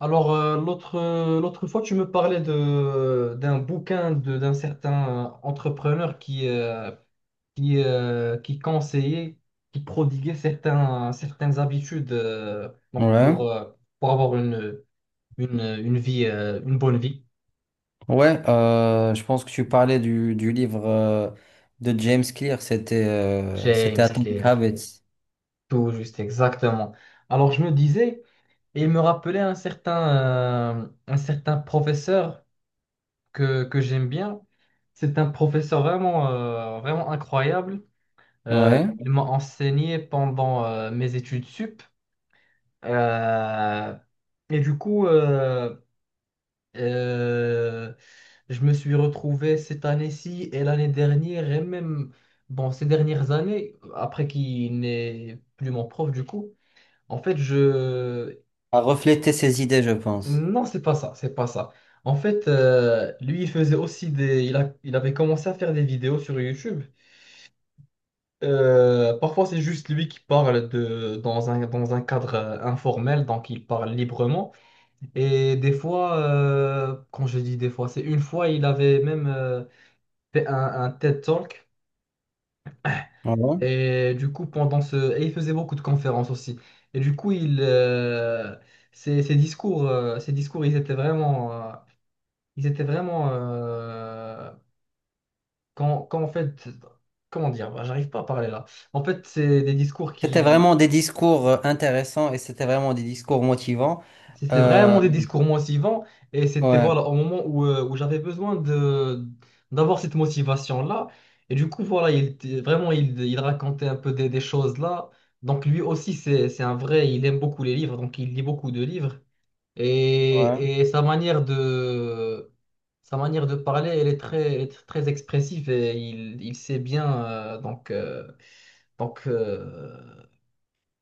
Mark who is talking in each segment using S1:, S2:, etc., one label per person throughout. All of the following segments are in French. S1: Alors, l'autre, l'autre fois, tu me parlais d'un bouquin d'un certain entrepreneur qui conseillait, qui prodiguait certaines habitudes donc
S2: Ouais,
S1: pour avoir une vie, une bonne vie.
S2: ouais, je pense que tu parlais du livre de James Clear,
S1: James
S2: c'était Atomic
S1: Clear,
S2: Habits.
S1: tout juste exactement. Alors, je me disais, et il me rappelait un certain professeur que j'aime bien. C'est un professeur vraiment incroyable. Euh,
S2: Ouais,
S1: ils m'ont enseigné pendant mes études sup. Euh, et du coup, euh, euh, je me suis retrouvé cette année-ci et l'année dernière, et même bon, ces dernières années, après qu'il n'est plus mon prof, du coup, en fait, je...
S2: à refléter ses idées, je pense.
S1: Non, c'est pas ça, c'est pas ça. En fait, lui, il faisait aussi des... Il avait commencé à faire des vidéos sur YouTube. Parfois, c'est juste lui qui parle de, dans un cadre informel, donc il parle librement. Et des fois, quand je dis des fois, c'est une fois, il avait même fait un TED Talk.
S2: Ouais.
S1: Et du coup, pendant ce... Et il faisait beaucoup de conférences aussi. Et du coup, ses discours, ils étaient vraiment... quand en fait... Comment dire? J'arrive pas à parler là. En fait, c'est des discours
S2: C'était
S1: qui...
S2: vraiment des discours intéressants et c'était vraiment des discours motivants.
S1: C'était vraiment
S2: Euh,
S1: des discours motivants, et c'était
S2: ouais,
S1: voilà au moment où j'avais besoin de d'avoir cette motivation-là. Et du coup, voilà, vraiment il racontait un peu des choses là. Donc lui aussi, c'est un vrai, il aime beaucoup les livres, donc il lit beaucoup de livres.
S2: ouais,
S1: Et, et sa manière de Sa manière de parler, elle est très expressive et il sait bien donc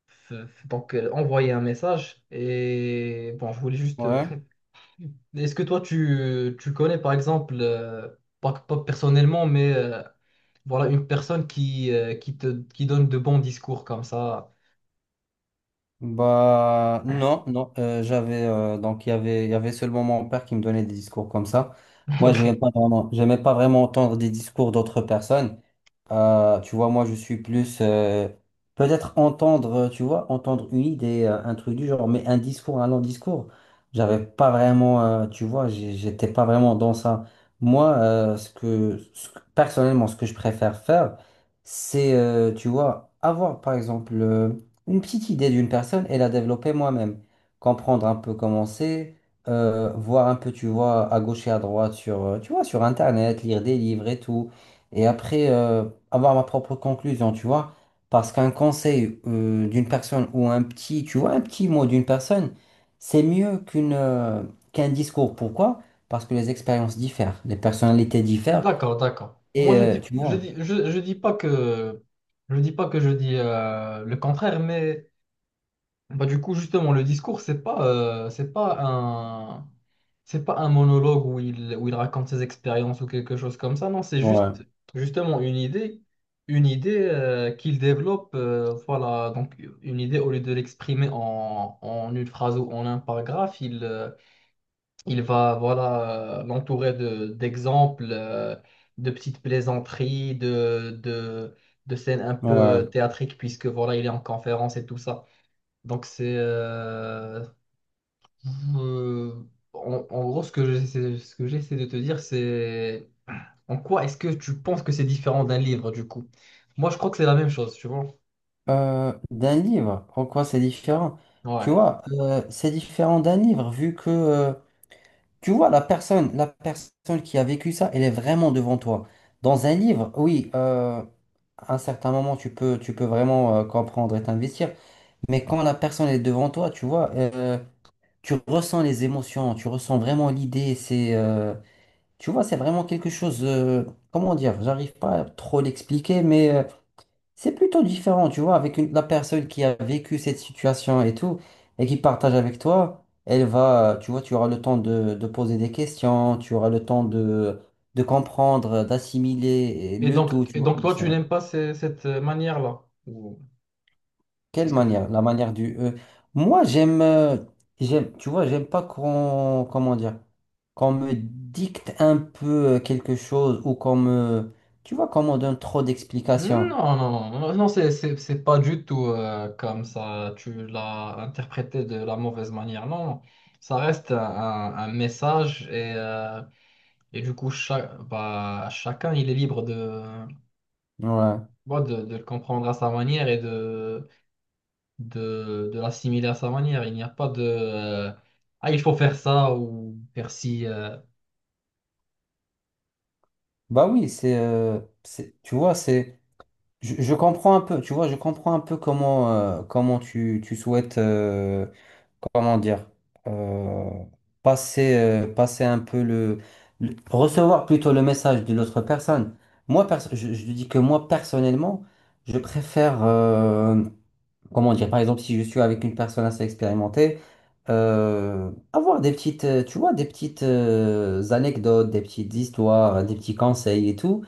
S1: f- f- donc envoyer un message. Et bon, je voulais juste
S2: ouais.
S1: est-ce que toi, tu connais, par exemple, pas personnellement, mais voilà, une personne qui donne de bons discours comme ça?
S2: Bah non, non, J'avais donc il y avait seulement mon père qui me donnait des discours comme ça. Moi,
S1: Ok.
S2: j'aimais pas vraiment entendre des discours d'autres personnes. Tu vois, moi je suis plus peut-être entendre, tu vois, entendre une idée, un truc du genre, mais un discours, un long discours, j'avais pas vraiment, tu vois, j'étais pas vraiment dans ça. Moi, ce que, personnellement, ce que je préfère faire, c'est, tu vois, avoir par exemple. Une petite idée d'une personne et la développer moi-même. Comprendre un peu comment c'est, voir un peu, tu vois, à gauche et à droite sur, tu vois, sur Internet, lire des livres et tout. Et après, avoir ma propre conclusion, tu vois. Parce qu'un conseil, d'une personne ou un petit, tu vois, un petit mot d'une personne, c'est mieux qu'une, qu'un discours. Pourquoi? Parce que les expériences diffèrent, les personnalités diffèrent.
S1: D'accord, d'accord. Moi,
S2: Et, tu vois.
S1: je dis pas que, je dis pas que je dis le contraire, mais... du coup, justement, le discours, euh, c'est pas un, c'est pas un monologue où il raconte ses expériences ou quelque chose comme ça. Non, c'est
S2: Ouais,
S1: juste, justement, une idée qu'il développe. Voilà, donc une idée au lieu de l'exprimer en une phrase ou en un paragraphe, il va, voilà, l'entourer d'exemples, de petites plaisanteries, de scènes un peu
S2: ouais.
S1: théâtriques puisque voilà, il est en conférence et tout ça. Donc c'est euh, en gros ce que j'essaie de te dire, c'est en quoi est-ce que tu penses que c'est différent d'un livre du coup? Moi je crois que c'est la même chose, tu vois.
S2: D'un livre. En quoi c'est différent? Tu
S1: Ouais.
S2: vois, c'est différent d'un livre vu que, tu vois, la personne qui a vécu ça, elle est vraiment devant toi. Dans un livre, oui, à un certain moment, tu peux vraiment comprendre et t'investir. Mais quand la personne est devant toi, tu vois, tu ressens les émotions, tu ressens vraiment l'idée. C'est, tu vois, c'est vraiment quelque chose. Comment dire? J'arrive pas à trop l'expliquer, mais c'est plutôt différent, tu vois, avec la personne qui a vécu cette situation et tout, et qui partage avec toi, elle va, tu vois, tu auras le temps de poser des questions, tu auras le temps de comprendre, d'assimiler le tout, tu
S1: Et
S2: vois.
S1: donc toi tu n'aimes pas cette manière-là? Ou... C'est
S2: Quelle
S1: ce que je...
S2: manière? La manière du. Moi, j'aime, j'aime, tu vois, j'aime pas qu'on, comment dire, qu'on me dicte un peu quelque chose ou qu'on me, tu vois, qu'on me donne trop d'explications.
S1: C'est pas du tout comme ça. Tu l'as interprété de la mauvaise manière. Non, non. Ça reste un message et et du coup, chacun, il est libre de,
S2: Ouais.
S1: bon, de le comprendre à sa manière de l'assimiler à sa manière. Il n'y a pas de Ah, il faut faire ça ou faire ci.
S2: Bah oui, c'est, tu vois, c'est. Je comprends un peu, tu vois, je comprends un peu comment, comment tu, tu souhaites, comment dire, euh, passer, passer un peu le, recevoir plutôt le message de l'autre personne. Moi, je dis que moi, personnellement, je préfère, comment dire, par exemple, si je suis avec une personne assez expérimentée, avoir des petites, tu vois, des petites, anecdotes, des petites histoires, des petits conseils et tout.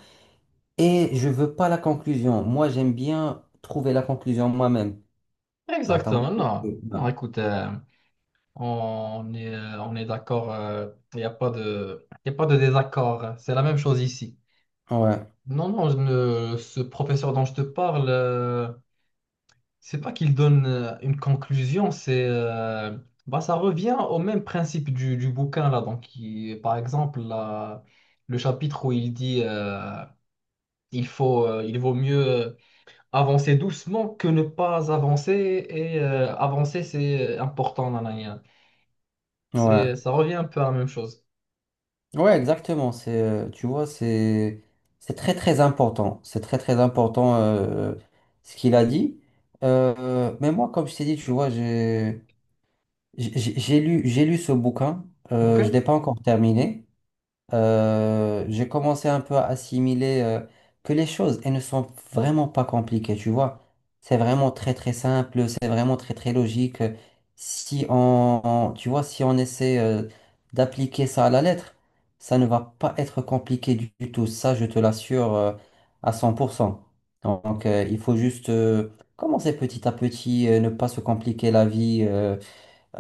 S2: Et je veux pas la conclusion. Moi, j'aime bien trouver la conclusion moi-même. T'as, t'as
S1: Exactement,
S2: compris?
S1: non. Non, écoute, on est d'accord. Il n'y a pas il n'y a pas de désaccord. C'est la même chose ici.
S2: Ouais,
S1: Non, non, je ne- ce professeur dont je te parle. C'est pas qu'il donne une conclusion, c'est ça revient au même principe du bouquin là. Donc, par exemple, le chapitre où il dit il faut, il vaut mieux avancer doucement que ne pas avancer et avancer c'est important. Nan, nan, nan.
S2: ouais.
S1: C'est, ça revient un peu à la même chose.
S2: Ouais, exactement. C'est, tu vois, c'est très, très important. C'est très, très important ce qu'il a dit. Mais moi, comme je t'ai dit, tu vois, j'ai, j'ai lu ce bouquin.
S1: Ok?
S2: Je ne l'ai pas encore terminé. J'ai commencé un peu à assimiler que les choses, elles ne sont vraiment pas compliquées, tu vois. C'est vraiment très très simple, c'est vraiment très très logique. Si on, tu vois, si on essaie d'appliquer ça à la lettre, ça ne va pas être compliqué du tout. Ça, je te l'assure à 100%. Donc, il faut juste commencer petit à petit, ne pas se compliquer la vie. euh,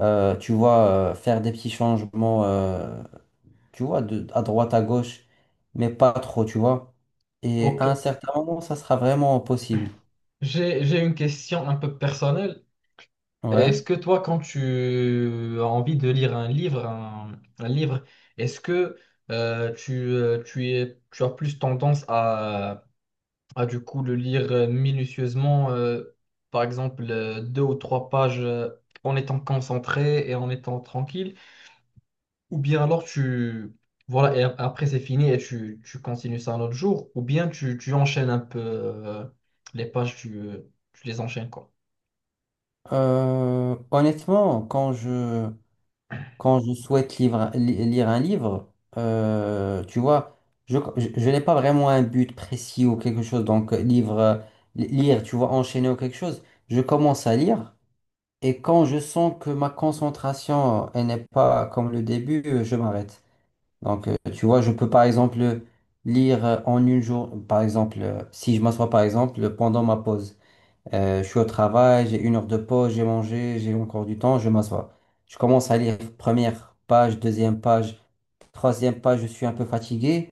S2: euh, Tu vois, faire des petits changements. Tu vois, de, à droite, à gauche, mais pas trop, tu vois. Et à un
S1: Ok.
S2: certain moment, ça sera vraiment possible.
S1: J'ai une question un peu personnelle. Est-ce
S2: Ouais.
S1: que toi, quand tu as envie de lire un livre, un livre, est-ce que tu as plus tendance à du coup le lire minutieusement, par exemple deux ou trois pages en étant concentré et en étant tranquille, ou bien alors tu voilà après c'est fini et tu continues ça un autre jour, ou bien tu enchaînes un peu les pages, tu, tu les enchaînes quoi.
S2: Honnêtement, quand je souhaite lire un livre, tu vois, je n'ai pas vraiment un but précis ou quelque chose. Donc, livre, lire, tu vois, enchaîner ou quelque chose. Je commence à lire et quand je sens que ma concentration, elle n'est pas comme le début, je m'arrête. Donc, tu vois, je peux par exemple lire en une jour, par exemple, si je m'assois par exemple pendant ma pause. Je suis au travail, j'ai une heure de pause, j'ai mangé, j'ai encore du temps, je m'assois. Je commence à lire première page, deuxième page, troisième page, je suis un peu fatigué.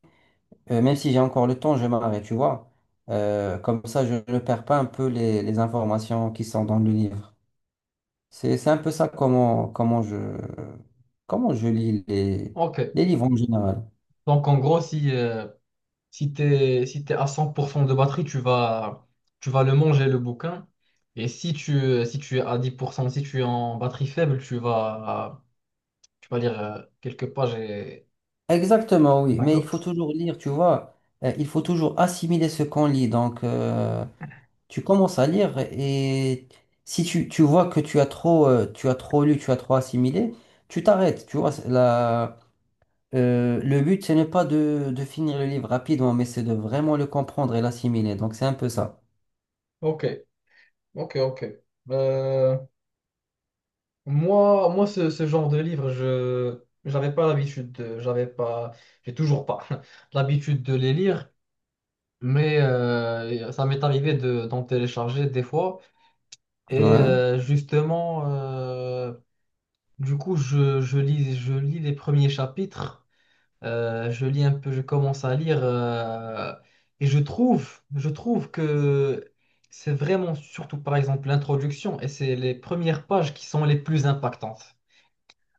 S2: Même si j'ai encore le temps, je m'arrête, tu vois. Comme ça, je ne perds pas un peu les informations qui sont dans le livre. C'est un peu ça comment, comment je lis
S1: Ok,
S2: les livres en général.
S1: donc en gros si si t'es à 100% de batterie, tu vas le manger, le bouquin. Et si tu es à 10%, si tu es en batterie faible, tu vas lire quelques pages et...
S2: Exactement, oui, mais il
S1: D'accord.
S2: faut toujours lire, tu vois. Il faut toujours assimiler ce qu'on lit. Donc, tu commences à lire et si tu, tu vois que tu as trop lu, tu as trop assimilé, tu t'arrêtes. Tu vois, c'est la, le but, ce n'est pas de, de finir le livre rapidement, mais c'est de vraiment le comprendre et l'assimiler. Donc, c'est un peu ça.
S1: Ok, ok, ok. Euh, moi ce genre de livre, je j'avais pas l'habitude j'avais pas, j'ai toujours pas l'habitude de les lire, mais ça m'est arrivé d'en télécharger des fois. Et
S2: Ouais.
S1: du coup, je lis les premiers chapitres, je lis un peu, je commence à lire, et je trouve que c'est vraiment surtout par exemple l'introduction, et c'est les premières pages qui sont les plus impactantes.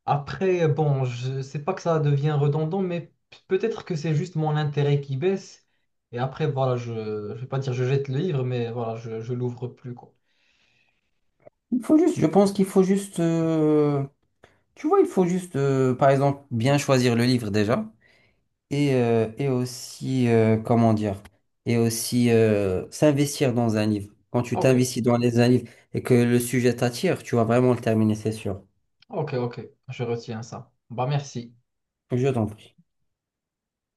S1: Après, bon, je sais pas que ça devient redondant, mais peut-être que c'est juste mon intérêt qui baisse, et après, voilà, je vais pas dire je jette le livre, mais voilà, je l'ouvre plus, quoi.
S2: Il faut juste, je pense qu'il faut juste, tu vois, il faut juste, par exemple, bien choisir le livre déjà. Et, et aussi, comment dire, et aussi s'investir dans un livre. Quand tu
S1: Ok,
S2: t'investis dans les, un livre et que le sujet t'attire, tu vas vraiment le terminer, c'est sûr.
S1: ok, ok, je retiens ça. Bah merci.
S2: Je t'en prie.